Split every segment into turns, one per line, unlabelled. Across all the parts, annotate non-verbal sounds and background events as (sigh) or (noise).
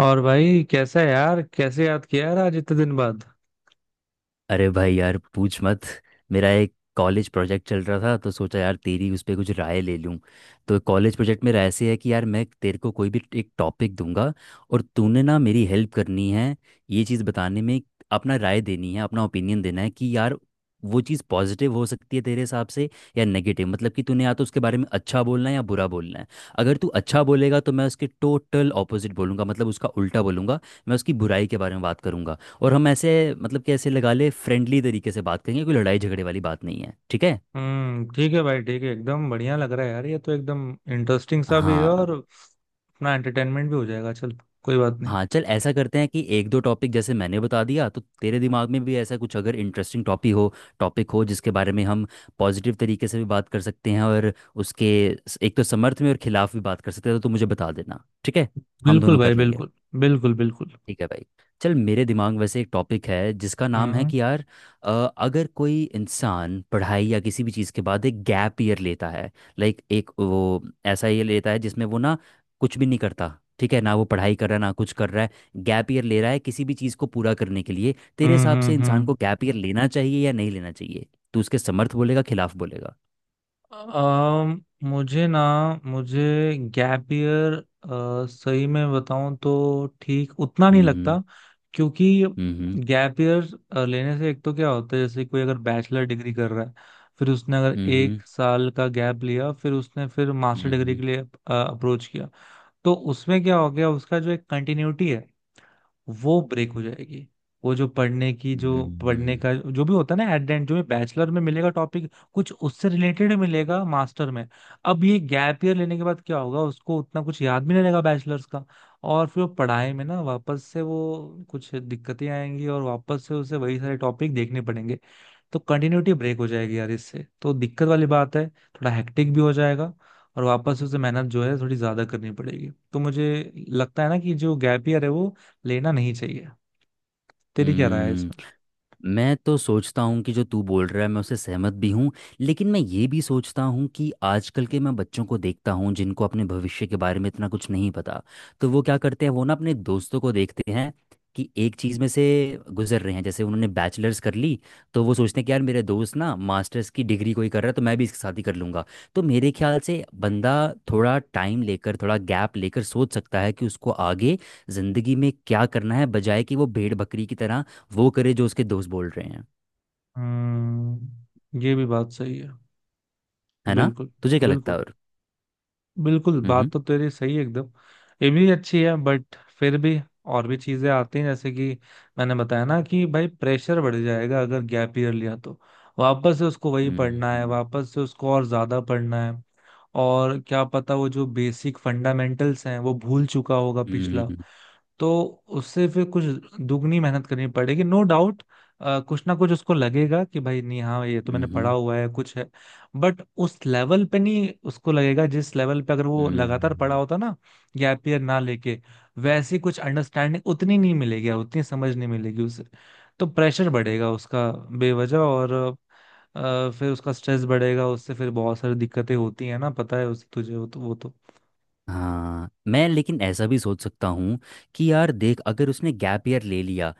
और भाई कैसा है यार? कैसे याद किया यार आज इतने दिन बाद?
अरे भाई यार, पूछ मत। मेरा एक कॉलेज प्रोजेक्ट चल रहा था तो सोचा यार तेरी उस पे कुछ राय ले लूँ। तो कॉलेज प्रोजेक्ट में ऐसे है कि यार, मैं तेरे को कोई भी एक टॉपिक दूंगा और तूने ना मेरी हेल्प करनी है ये चीज़ बताने में। अपना राय देनी है, अपना ओपिनियन देना है कि यार वो चीज़ पॉजिटिव हो सकती है तेरे हिसाब से या नेगेटिव। मतलब कि तूने या तो उसके बारे में अच्छा बोलना है या बुरा बोलना है। अगर तू अच्छा बोलेगा तो मैं उसके टोटल ऑपोजिट बोलूंगा, मतलब उसका उल्टा बोलूंगा। मैं उसकी बुराई के बारे में बात करूंगा। और हम ऐसे, मतलब कि ऐसे लगा ले, फ्रेंडली तरीके से बात करेंगे। कोई लड़ाई झगड़े वाली बात नहीं है, ठीक है?
हम्म, ठीक है भाई ठीक है, एकदम बढ़िया लग रहा है यार, ये तो एकदम इंटरेस्टिंग सा भी है और
हाँ।
अपना एंटरटेनमेंट भी हो जाएगा। चल कोई बात नहीं।
हाँ, चल ऐसा करते हैं कि एक दो टॉपिक जैसे मैंने बता दिया, तो तेरे दिमाग में भी ऐसा कुछ अगर इंटरेस्टिंग टॉपिक हो, टॉपिक हो जिसके बारे में हम पॉजिटिव तरीके से भी बात कर सकते हैं और उसके एक तो समर्थ में और खिलाफ भी बात कर सकते हैं, तो तू मुझे बता देना, ठीक है? हम
बिल्कुल
दोनों कर
भाई
लेंगे।
बिल्कुल। बिल्कुल बिल्कुल।
ठीक है भाई। चल मेरे दिमाग में वैसे एक टॉपिक है जिसका नाम है
हम्म
कि यार, अ, अगर कोई इंसान पढ़ाई या किसी भी चीज़ के बाद एक गैप ईयर लेता है, लाइक एक वो ऐसा ये लेता है जिसमें वो ना कुछ भी नहीं करता। ठीक है? ना वो पढ़ाई कर रहा है, ना कुछ कर रहा है, गैप ईयर ले रहा है किसी भी चीज़ को पूरा करने के लिए। तेरे
हम्म
हिसाब से
हम्म
इंसान
हम्म।
को गैप ईयर लेना चाहिए या नहीं लेना चाहिए? तू उसके समर्थ बोलेगा खिलाफ बोलेगा।
अम, मुझे ना, मुझे गैप ईयर सही में बताऊं तो ठीक उतना नहीं लगता।
हम्म।
क्योंकि
हम्म।
गैप ईयर लेने से एक तो क्या होता है, जैसे कोई अगर बैचलर डिग्री कर रहा है, फिर उसने अगर
हम्म।
एक
हम्म।
साल का गैप लिया, फिर उसने फिर मास्टर
हम्म।
डिग्री
हम्म।
के लिए अप्रोच किया, तो उसमें क्या हो गया, उसका जो एक कंटिन्यूटी है वो ब्रेक हो जाएगी। वो जो पढ़ने की जो
हम्म।
पढ़ने
हम्म,
का जो भी होता है ना एट द एंड, जो बैचलर में मिलेगा टॉपिक कुछ उससे रिलेटेड मिलेगा मास्टर में। अब ये गैप ईयर लेने के बाद क्या होगा, उसको उतना कुछ याद भी नहीं रहेगा बैचलर्स का। और फिर वो पढ़ाई में ना वापस से वो कुछ दिक्कतें आएंगी और वापस से उसे वही सारे टॉपिक देखने पड़ेंगे। तो कंटिन्यूटी ब्रेक हो जाएगी यार, इससे तो दिक्कत वाली बात है, थोड़ा हेक्टिक भी हो जाएगा और वापस से उसे मेहनत जो है थोड़ी ज्यादा करनी पड़ेगी। तो मुझे लगता है ना कि जो गैप ईयर है वो लेना नहीं चाहिए। तेरी क्या राय है
हम्म।
इसमें?
मैं तो सोचता हूँ कि जो तू बोल रहा है मैं उससे सहमत भी हूँ। लेकिन मैं ये भी सोचता हूँ कि आजकल के, मैं बच्चों को देखता हूँ जिनको अपने भविष्य के बारे में इतना कुछ नहीं पता। तो वो क्या करते हैं, वो ना अपने दोस्तों को देखते हैं कि एक चीज़ में से गुजर रहे हैं। जैसे उन्होंने बैचलर्स कर ली तो वो सोचते हैं कि यार मेरे दोस्त ना मास्टर्स की डिग्री कोई कर रहा है, तो मैं भी इसके साथ ही कर लूँगा। तो मेरे ख्याल से बंदा थोड़ा टाइम लेकर, थोड़ा गैप लेकर सोच सकता है कि उसको आगे ज़िंदगी में क्या करना है, बजाय कि वो भेड़ बकरी की तरह वो करे जो उसके दोस्त बोल रहे हैं।
हम्म, ये भी बात सही है।
है ना?
बिल्कुल।
तुझे क्या लगता है
बिल्कुल
और?
बिल्कुल, बात
हम्म।
तो तेरी सही है एकदम, ये भी अच्छी है बट फिर भी और भी चीजें आती हैं, जैसे कि मैंने बताया ना कि भाई प्रेशर बढ़ जाएगा अगर गैप ईयर लिया तो। वापस से उसको वही पढ़ना है,
हम्म।
वापस से उसको और ज्यादा पढ़ना है। और क्या पता वो जो बेसिक फंडामेंटल्स हैं वो भूल चुका होगा
हम्म।
पिछला।
हम्म।
तो उससे फिर कुछ दुगनी मेहनत करनी पड़ेगी, नो डाउट। कुछ ना कुछ उसको लगेगा कि भाई नहीं, हाँ ये तो मैंने पढ़ा
हम्म,
हुआ है कुछ है, बट उस लेवल पे नहीं उसको लगेगा जिस लेवल पे अगर वो
हम्म,
लगातार पढ़ा
हम्म।
होता ना, गैप ईयर ना लेके। वैसी कुछ अंडरस्टैंडिंग उतनी नहीं मिलेगी, उतनी समझ नहीं मिलेगी उसे। तो प्रेशर बढ़ेगा उसका बेवजह, और फिर उसका स्ट्रेस बढ़ेगा, उससे फिर बहुत सारी दिक्कतें होती है ना, पता है उस तुझे, वो तो वो तो।
हाँ, मैं लेकिन ऐसा भी सोच सकता हूँ कि यार देख अगर उसने गैप ईयर ले लिया,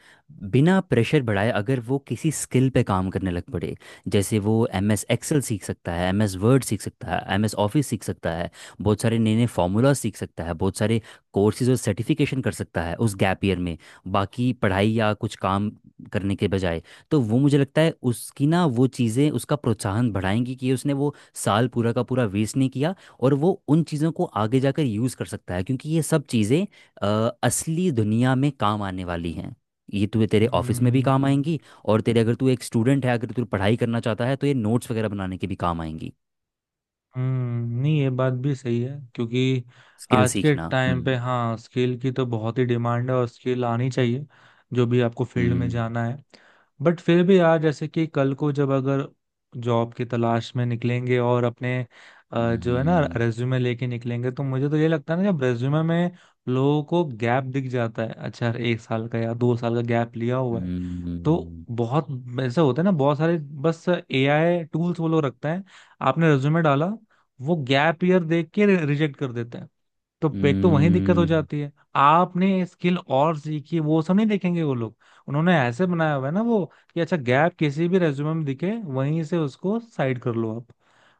बिना प्रेशर बढ़ाए अगर वो किसी स्किल पे काम करने लग पड़े, जैसे वो एम एस एक्सेल सीख सकता है, एम एस वर्ड सीख सकता है, एम एस ऑफिस सीख सकता है, बहुत सारे नए नए फार्मूला सीख सकता है, बहुत सारे कोर्सेज और सर्टिफिकेशन कर सकता है उस गैप ईयर में, बाकी पढ़ाई या कुछ काम करने के बजाय। तो वो मुझे लगता है उसकी ना, वो चीज़ें उसका प्रोत्साहन बढ़ाएंगी कि उसने वो साल पूरा का पूरा वेस्ट नहीं किया। और वो उन चीज़ों को आगे जाकर यूज़ कर सकता है, क्योंकि ये सब चीज़ें असली दुनिया में काम आने वाली हैं। ये तुझे तेरे ऑफिस में भी काम
हम्म
आएंगी। और तेरे, अगर तू एक स्टूडेंट है, अगर तू पढ़ाई करना चाहता है तो ये नोट्स वगैरह बनाने के भी काम आएंगी।
हम्म, नहीं ये बात भी सही है, क्योंकि
स्किल
आज के
सीखना।
टाइम
हम्म।
पे हाँ स्किल की तो बहुत ही डिमांड है और स्किल आनी चाहिए जो भी आपको फील्ड में
हम्म।
जाना है। बट फिर भी यार, जैसे कि कल को जब अगर जॉब की तलाश में निकलेंगे और अपने जो है ना
हम्म।
रेज्यूमे लेके निकलेंगे, तो मुझे तो ये लगता है ना जब रेज्यूमे में लोगों को गैप दिख जाता है, अच्छा यार एक साल का या दो साल का गैप लिया हुआ है, तो
हम्म।
बहुत ऐसा होता है ना, बहुत सारे बस एआई टूल्स वो लोग रखते हैं, आपने रिज्यूमे डाला वो गैप ईयर देख के रिजेक्ट कर देते हैं। तो एक तो वही दिक्कत हो
हम्म,
जाती है, आपने स्किल और सीखी वो सब नहीं देखेंगे वो लोग। उन्होंने ऐसे बनाया हुआ है ना वो, कि अच्छा गैप किसी भी रेज्यूमे में दिखे वहीं से उसको साइड कर लो आप,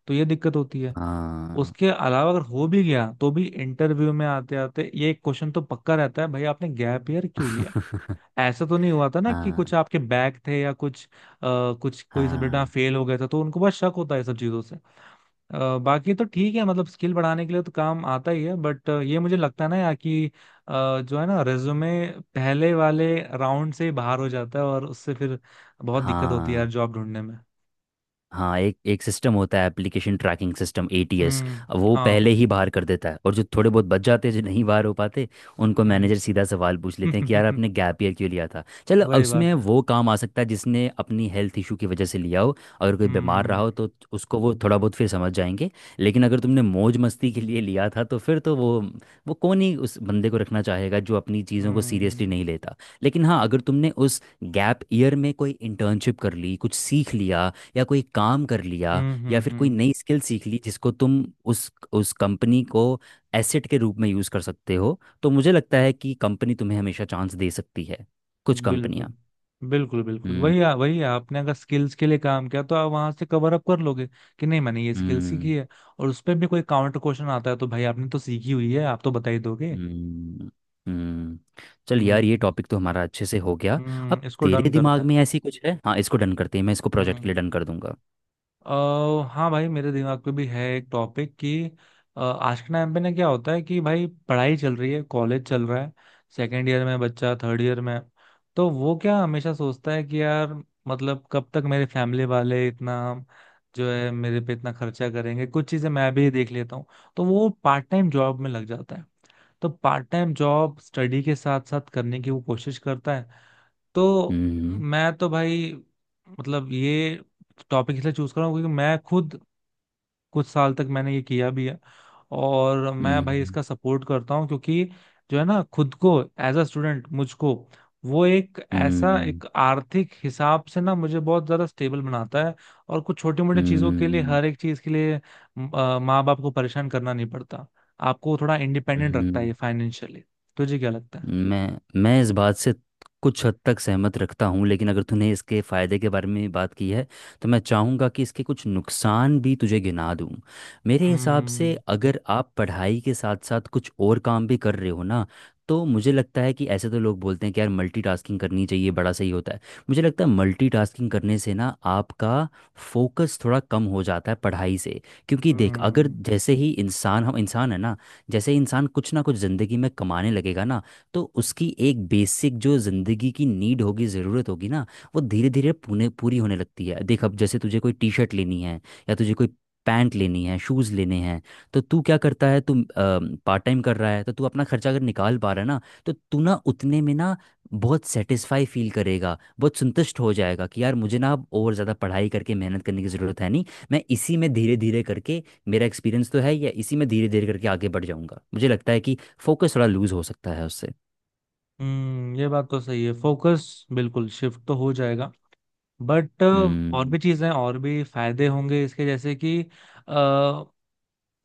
तो ये दिक्कत होती है।
हाँ।
उसके अलावा अगर हो भी गया तो भी इंटरव्यू में आते आते ये एक क्वेश्चन तो पक्का रहता है, भाई आपने गैप ईयर क्यों लिया?
(laughs)
ऐसा तो नहीं हुआ था ना कि कुछ
हाँ।
आपके बैक थे या कुछ कुछ कोई सब्जेक्ट में
हाँ।
फेल हो गए थे? तो उनको बहुत शक होता है ये सब चीजों से। बाकी तो ठीक है, मतलब स्किल बढ़ाने के लिए तो काम आता ही है, बट ये मुझे लगता है ना यार कि जो है ना रेज्यूमे पहले वाले राउंड से ही बाहर हो जाता है, और उससे फिर बहुत दिक्कत होती है यार
हाँ।
जॉब ढूंढने में।
हाँ, एक एक सिस्टम होता है, एप्लीकेशन ट्रैकिंग सिस्टम, एटीएस।
हम्म।
वो पहले
हाँ।
ही बाहर कर देता है। और जो थोड़े बहुत बच जाते हैं, जो नहीं बाहर हो पाते, उनको
हम्म।
मैनेजर सीधा सवाल पूछ लेते हैं कि यार
(laughs)
आपने गैप ईयर क्यों लिया था। चलो,
वही
उसमें
बात है।
वो काम आ सकता है जिसने अपनी हेल्थ इशू की वजह से लिया हो। अगर कोई बीमार रहा
हम्म
हो तो उसको वो थोड़ा बहुत फिर समझ जाएंगे। लेकिन अगर तुमने मौज मस्ती के लिए लिया था तो फिर तो वो कौन ही उस बंदे को रखना चाहेगा जो अपनी चीज़ों को सीरियसली
हम्म
नहीं लेता। लेकिन हाँ, अगर तुमने उस गैप ईयर में कोई इंटर्नशिप कर ली, कुछ सीख लिया, या कोई काम कर लिया, या फिर कोई
हम्म।
नई स्किल सीख ली जिसको तुम उस कंपनी को एसेट के रूप में यूज़ कर सकते हो, तो मुझे लगता है कि कंपनी तुम्हें हमेशा चांस दे सकती है, कुछ
बिल्कुल।
कंपनियां।
बिल्कुल बिल्कुल,
हम्म।
वही वही है, आपने अगर स्किल्स के लिए काम किया तो आप वहां से कवर अप कर लोगे कि नहीं मैंने ये स्किल
हम्म।
सीखी है। और उस पे भी कोई काउंटर क्वेश्चन आता है तो भाई आपने तो सीखी हुई है, आप तो बता ही दोगे।
हम्म। हम्म। चल यार, ये
हम्म।
टॉपिक तो हमारा अच्छे से हो गया। अब
हम्म, इसको डन
तेरे
करते
दिमाग
हैं।
में ऐसी कुछ है? हाँ, इसको डन करते हैं। मैं इसको प्रोजेक्ट
हम्म।
के लिए डन कर दूंगा।
अ हाँ भाई मेरे दिमाग पे भी है एक टॉपिक, कि आज के टाइम पे ना क्या होता है कि भाई पढ़ाई चल रही है, कॉलेज चल रहा है, सेकेंड ईयर में बच्चा, थर्ड ईयर में, तो वो क्या हमेशा सोचता है कि यार मतलब कब तक मेरे फैमिली वाले इतना जो है मेरे पे इतना खर्चा करेंगे, कुछ चीजें मैं भी देख लेता हूँ। तो वो पार्ट टाइम जॉब में लग जाता है, तो पार्ट टाइम जॉब स्टडी के साथ साथ करने की वो कोशिश करता है। तो
हम्म।
मैं तो भाई, मतलब ये टॉपिक इसलिए चूज कर रहा हूँ क्योंकि मैं खुद कुछ साल तक मैंने ये किया भी है। और मैं भाई
हम्म।
इसका सपोर्ट करता हूँ, क्योंकि जो है ना खुद को एज अ स्टूडेंट मुझको, वो एक ऐसा,
हम्म।
एक आर्थिक हिसाब से ना मुझे बहुत ज्यादा स्टेबल बनाता है। और कुछ छोटी मोटी चीजों के लिए,
हम्म।
हर एक चीज के लिए माँ बाप को परेशान करना नहीं पड़ता, आपको थोड़ा
हम्म।
इंडिपेंडेंट रखता है ये, फाइनेंशियली। तुझे क्या लगता है?
मैं इस बात से कुछ हद तक सहमत रखता हूँ, लेकिन अगर तूने इसके फ़ायदे के बारे में बात की है तो मैं चाहूँगा कि इसके कुछ नुकसान भी तुझे गिना दूँ। मेरे हिसाब
हम्म
से अगर आप पढ़ाई के साथ साथ कुछ और काम भी कर रहे हो ना, तो मुझे लगता है कि ऐसे तो लोग बोलते हैं कि यार मल्टीटास्किंग करनी चाहिए, बड़ा सही होता है। मुझे लगता है मल्टीटास्किंग करने से ना आपका फोकस थोड़ा कम हो जाता है पढ़ाई से। क्योंकि देख, अगर
हम्म
जैसे ही इंसान, हम इंसान है ना, जैसे ही इंसान कुछ ना कुछ ज़िंदगी में कमाने लगेगा ना, तो उसकी एक बेसिक जो ज़िंदगी की नीड होगी, ज़रूरत होगी ना, वो धीरे धीरे पूरे पूरी होने लगती है। देख अब, जैसे तुझे कोई टी शर्ट लेनी है, या तुझे कोई पैंट लेनी है, शूज़ लेने हैं, तो तू क्या करता है, तू पार्ट टाइम कर रहा है तो तू अपना खर्चा अगर निकाल पा रहा है ना, तो तू ना उतने में ना बहुत सेटिस्फाई फील करेगा, बहुत संतुष्ट हो जाएगा कि यार, मुझे ना अब और ज़्यादा पढ़ाई करके मेहनत करने की ज़रूरत है नहीं। मैं इसी में धीरे धीरे करके, मेरा एक्सपीरियंस तो है, या इसी में धीरे धीरे करके आगे बढ़ जाऊंगा। मुझे लगता है कि फोकस थोड़ा लूज हो सकता है उससे।
हम्म, ये बात तो सही है, फोकस बिल्कुल शिफ्ट तो हो जाएगा। बट और भी चीजें, और भी फायदे होंगे इसके, जैसे कि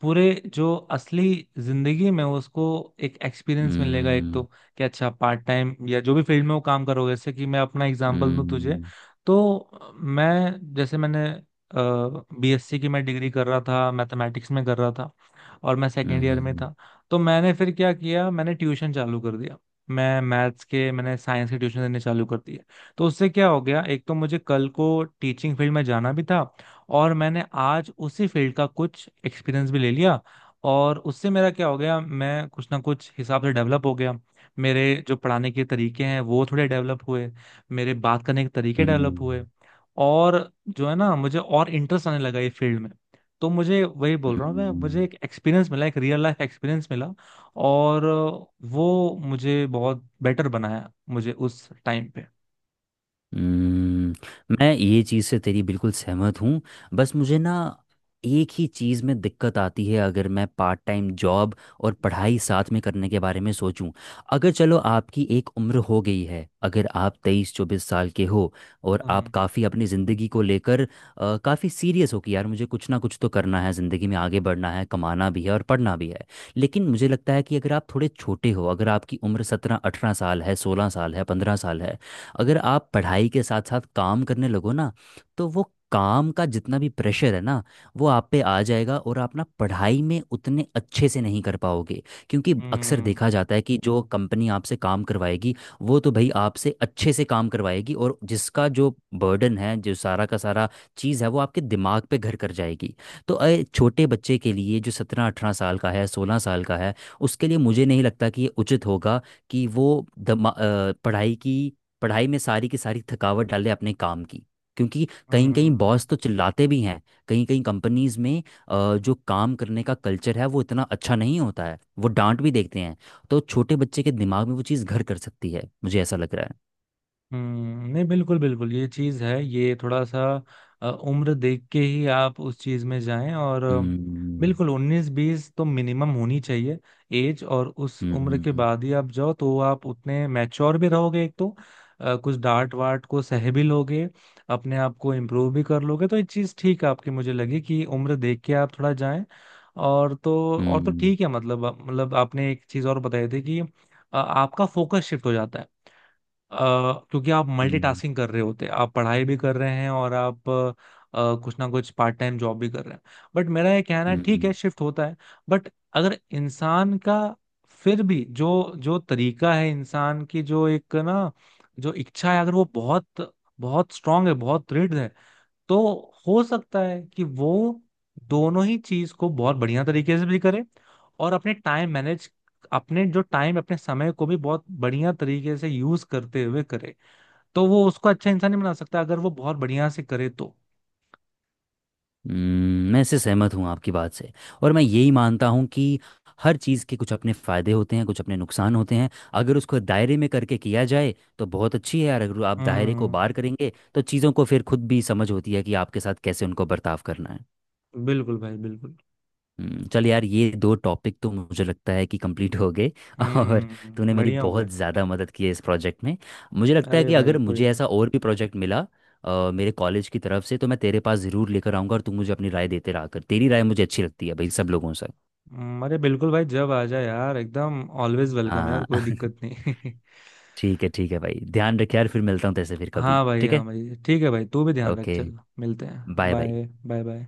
पूरे जो असली जिंदगी में उसको एक एक्सपीरियंस मिलेगा एक तो। कि अच्छा पार्ट टाइम या जो भी फील्ड में वो काम करोगे, जैसे कि मैं अपना एग्जांपल दूं तुझे,
嗯嗯嗯嗯嗯嗯嗯嗯。
तो मैं जैसे मैंने बीएससी की, मैं डिग्री कर रहा था मैथमेटिक्स में कर रहा था, और मैं सेकेंड ईयर में था, तो मैंने फिर क्या किया, मैंने ट्यूशन चालू कर दिया, मैं मैथ्स के, मैंने साइंस के ट्यूशन देने चालू कर दिए। तो उससे क्या हो गया, एक तो मुझे कल को टीचिंग फील्ड में जाना भी था, और मैंने आज उसी फील्ड का कुछ एक्सपीरियंस भी ले लिया। और उससे मेरा क्या हो गया, मैं कुछ ना कुछ हिसाब से डेवलप हो गया। मेरे जो पढ़ाने के तरीके हैं वो थोड़े डेवलप हुए, मेरे बात करने के तरीके डेवलप हुए, और जो है ना मुझे और इंटरेस्ट आने लगा ये फील्ड में। तो मुझे, वही बोल रहा हूँ मैं, मुझे एक एक्सपीरियंस मिला, एक रियल लाइफ एक्सपीरियंस मिला और वो मुझे बहुत बेटर बनाया मुझे उस टाइम पे।
हम्म, मैं ये चीज़ से तेरी बिल्कुल सहमत हूँ। बस मुझे ना एक ही चीज़ में दिक्कत आती है, अगर मैं पार्ट टाइम जॉब और पढ़ाई साथ में करने के बारे में सोचूं। अगर चलो आपकी एक उम्र हो गई है, अगर आप 23-24 साल के हो, और आप
हम्म।
काफ़ी अपनी ज़िंदगी को लेकर काफ़ी सीरियस हो कि यार मुझे कुछ ना कुछ तो करना है, ज़िंदगी में आगे बढ़ना है, कमाना भी है और पढ़ना भी है। लेकिन मुझे लगता है कि अगर आप थोड़े छोटे हो, अगर आपकी उम्र 17-18 साल है, 16 साल है, 15 साल है, अगर आप पढ़ाई के साथ साथ काम करने लगो ना, तो वो काम का जितना भी प्रेशर है ना, वो आप पे आ जाएगा और आप ना पढ़ाई में उतने अच्छे से नहीं कर पाओगे। क्योंकि अक्सर
हम्म
देखा जाता है कि जो कंपनी आपसे काम करवाएगी, वो तो भाई आपसे अच्छे से काम करवाएगी, और जिसका जो बर्डन है, जो सारा का सारा चीज़ है, वो आपके दिमाग पे घर कर जाएगी। तो छोटे बच्चे के लिए जो 17-18 साल का है, 16 साल का है, उसके लिए मुझे नहीं लगता कि ये उचित होगा कि वो पढ़ाई की, पढ़ाई में सारी की सारी थकावट डाले अपने काम की। क्योंकि कहीं कहीं
हम्म।
बॉस तो चिल्लाते भी हैं, कहीं कहीं कंपनीज में जो काम करने का कल्चर है वो इतना अच्छा नहीं होता है, वो डांट भी देखते हैं। तो छोटे बच्चे के दिमाग में वो चीज़ घर कर सकती है, मुझे ऐसा लग रहा है।
हम्म, नहीं बिल्कुल बिल्कुल, ये चीज है, ये थोड़ा सा उम्र देख के ही आप उस चीज में जाएं। और
हम्म।
बिल्कुल 19-20 तो मिनिमम होनी चाहिए एज, और उस
हम्म।
उम्र के
हम्म।
बाद ही आप जाओ तो आप उतने मैच्योर भी रहोगे एक तो। कुछ डांट वाट को सह भी लोगे, अपने आप को इम्प्रूव भी कर लोगे, तो ये चीज ठीक है आपकी, मुझे लगी कि उम्र देख के आप थोड़ा जाएं। और तो
हम्म।
ठीक है मतलब आपने एक चीज और बताई थी कि आपका फोकस शिफ्ट हो जाता है, अ, क्योंकि आप
हम्म,
मल्टीटास्किंग कर रहे होते हैं, आप पढ़ाई भी कर रहे हैं और आप कुछ ना कुछ पार्ट टाइम जॉब भी कर रहे हैं। बट मेरा ये कहना है ठीक है
हम्म,
शिफ्ट होता है, बट अगर इंसान का फिर भी जो जो तरीका है, इंसान की जो एक ना जो इच्छा है अगर वो बहुत बहुत स्ट्रांग है, बहुत दृढ़ है, तो हो सकता है कि वो दोनों ही चीज को बहुत बढ़िया तरीके से भी करे, और अपने टाइम मैनेज, अपने जो टाइम अपने समय को भी बहुत बढ़िया तरीके से यूज करते हुए करे तो वो उसको अच्छा इंसान नहीं बना सकता अगर वो बहुत बढ़िया से करे तो।
मैं इससे सहमत हूँ आपकी बात से। और मैं यही मानता हूँ कि हर चीज़ के कुछ अपने फ़ायदे होते हैं, कुछ अपने नुकसान होते हैं। अगर उसको दायरे में करके किया जाए तो बहुत अच्छी है यार। अगर आप दायरे को
हम्म।
बार करेंगे तो चीज़ों को फिर खुद भी समझ होती है कि आपके साथ कैसे उनको बर्ताव करना है।
बिल्कुल भाई बिल्कुल।
चल यार, ये दो टॉपिक तो मुझे लगता है कि कंप्लीट हो गए। (laughs) और तूने
हम्म,
मेरी
बढ़िया हुआ है।
बहुत ज़्यादा मदद की है इस प्रोजेक्ट में। मुझे लगता है
अरे
कि
भाई
अगर
कोई
मुझे
नहीं।
ऐसा और भी प्रोजेक्ट मिला मेरे कॉलेज की तरफ से, तो मैं तेरे पास ज़रूर लेकर आऊँगा। और तू मुझे अपनी राय देते रहा कर, तेरी राय मुझे अच्छी लगती है भाई, सब लोगों से।
अरे बिल्कुल भाई जब आ जाए यार, एकदम ऑलवेज वेलकम यार,
हाँ।
कोई दिक्कत
(laughs)
नहीं।
ठीक है, ठीक है भाई, ध्यान रख यार, फिर मिलता हूँ तैसे फिर
(laughs)
कभी,
हाँ भाई,
ठीक
हाँ
है?
भाई ठीक है भाई, तू भी ध्यान रख,
ओके।
चल मिलते हैं।
Bye bye.
Bye bye bye.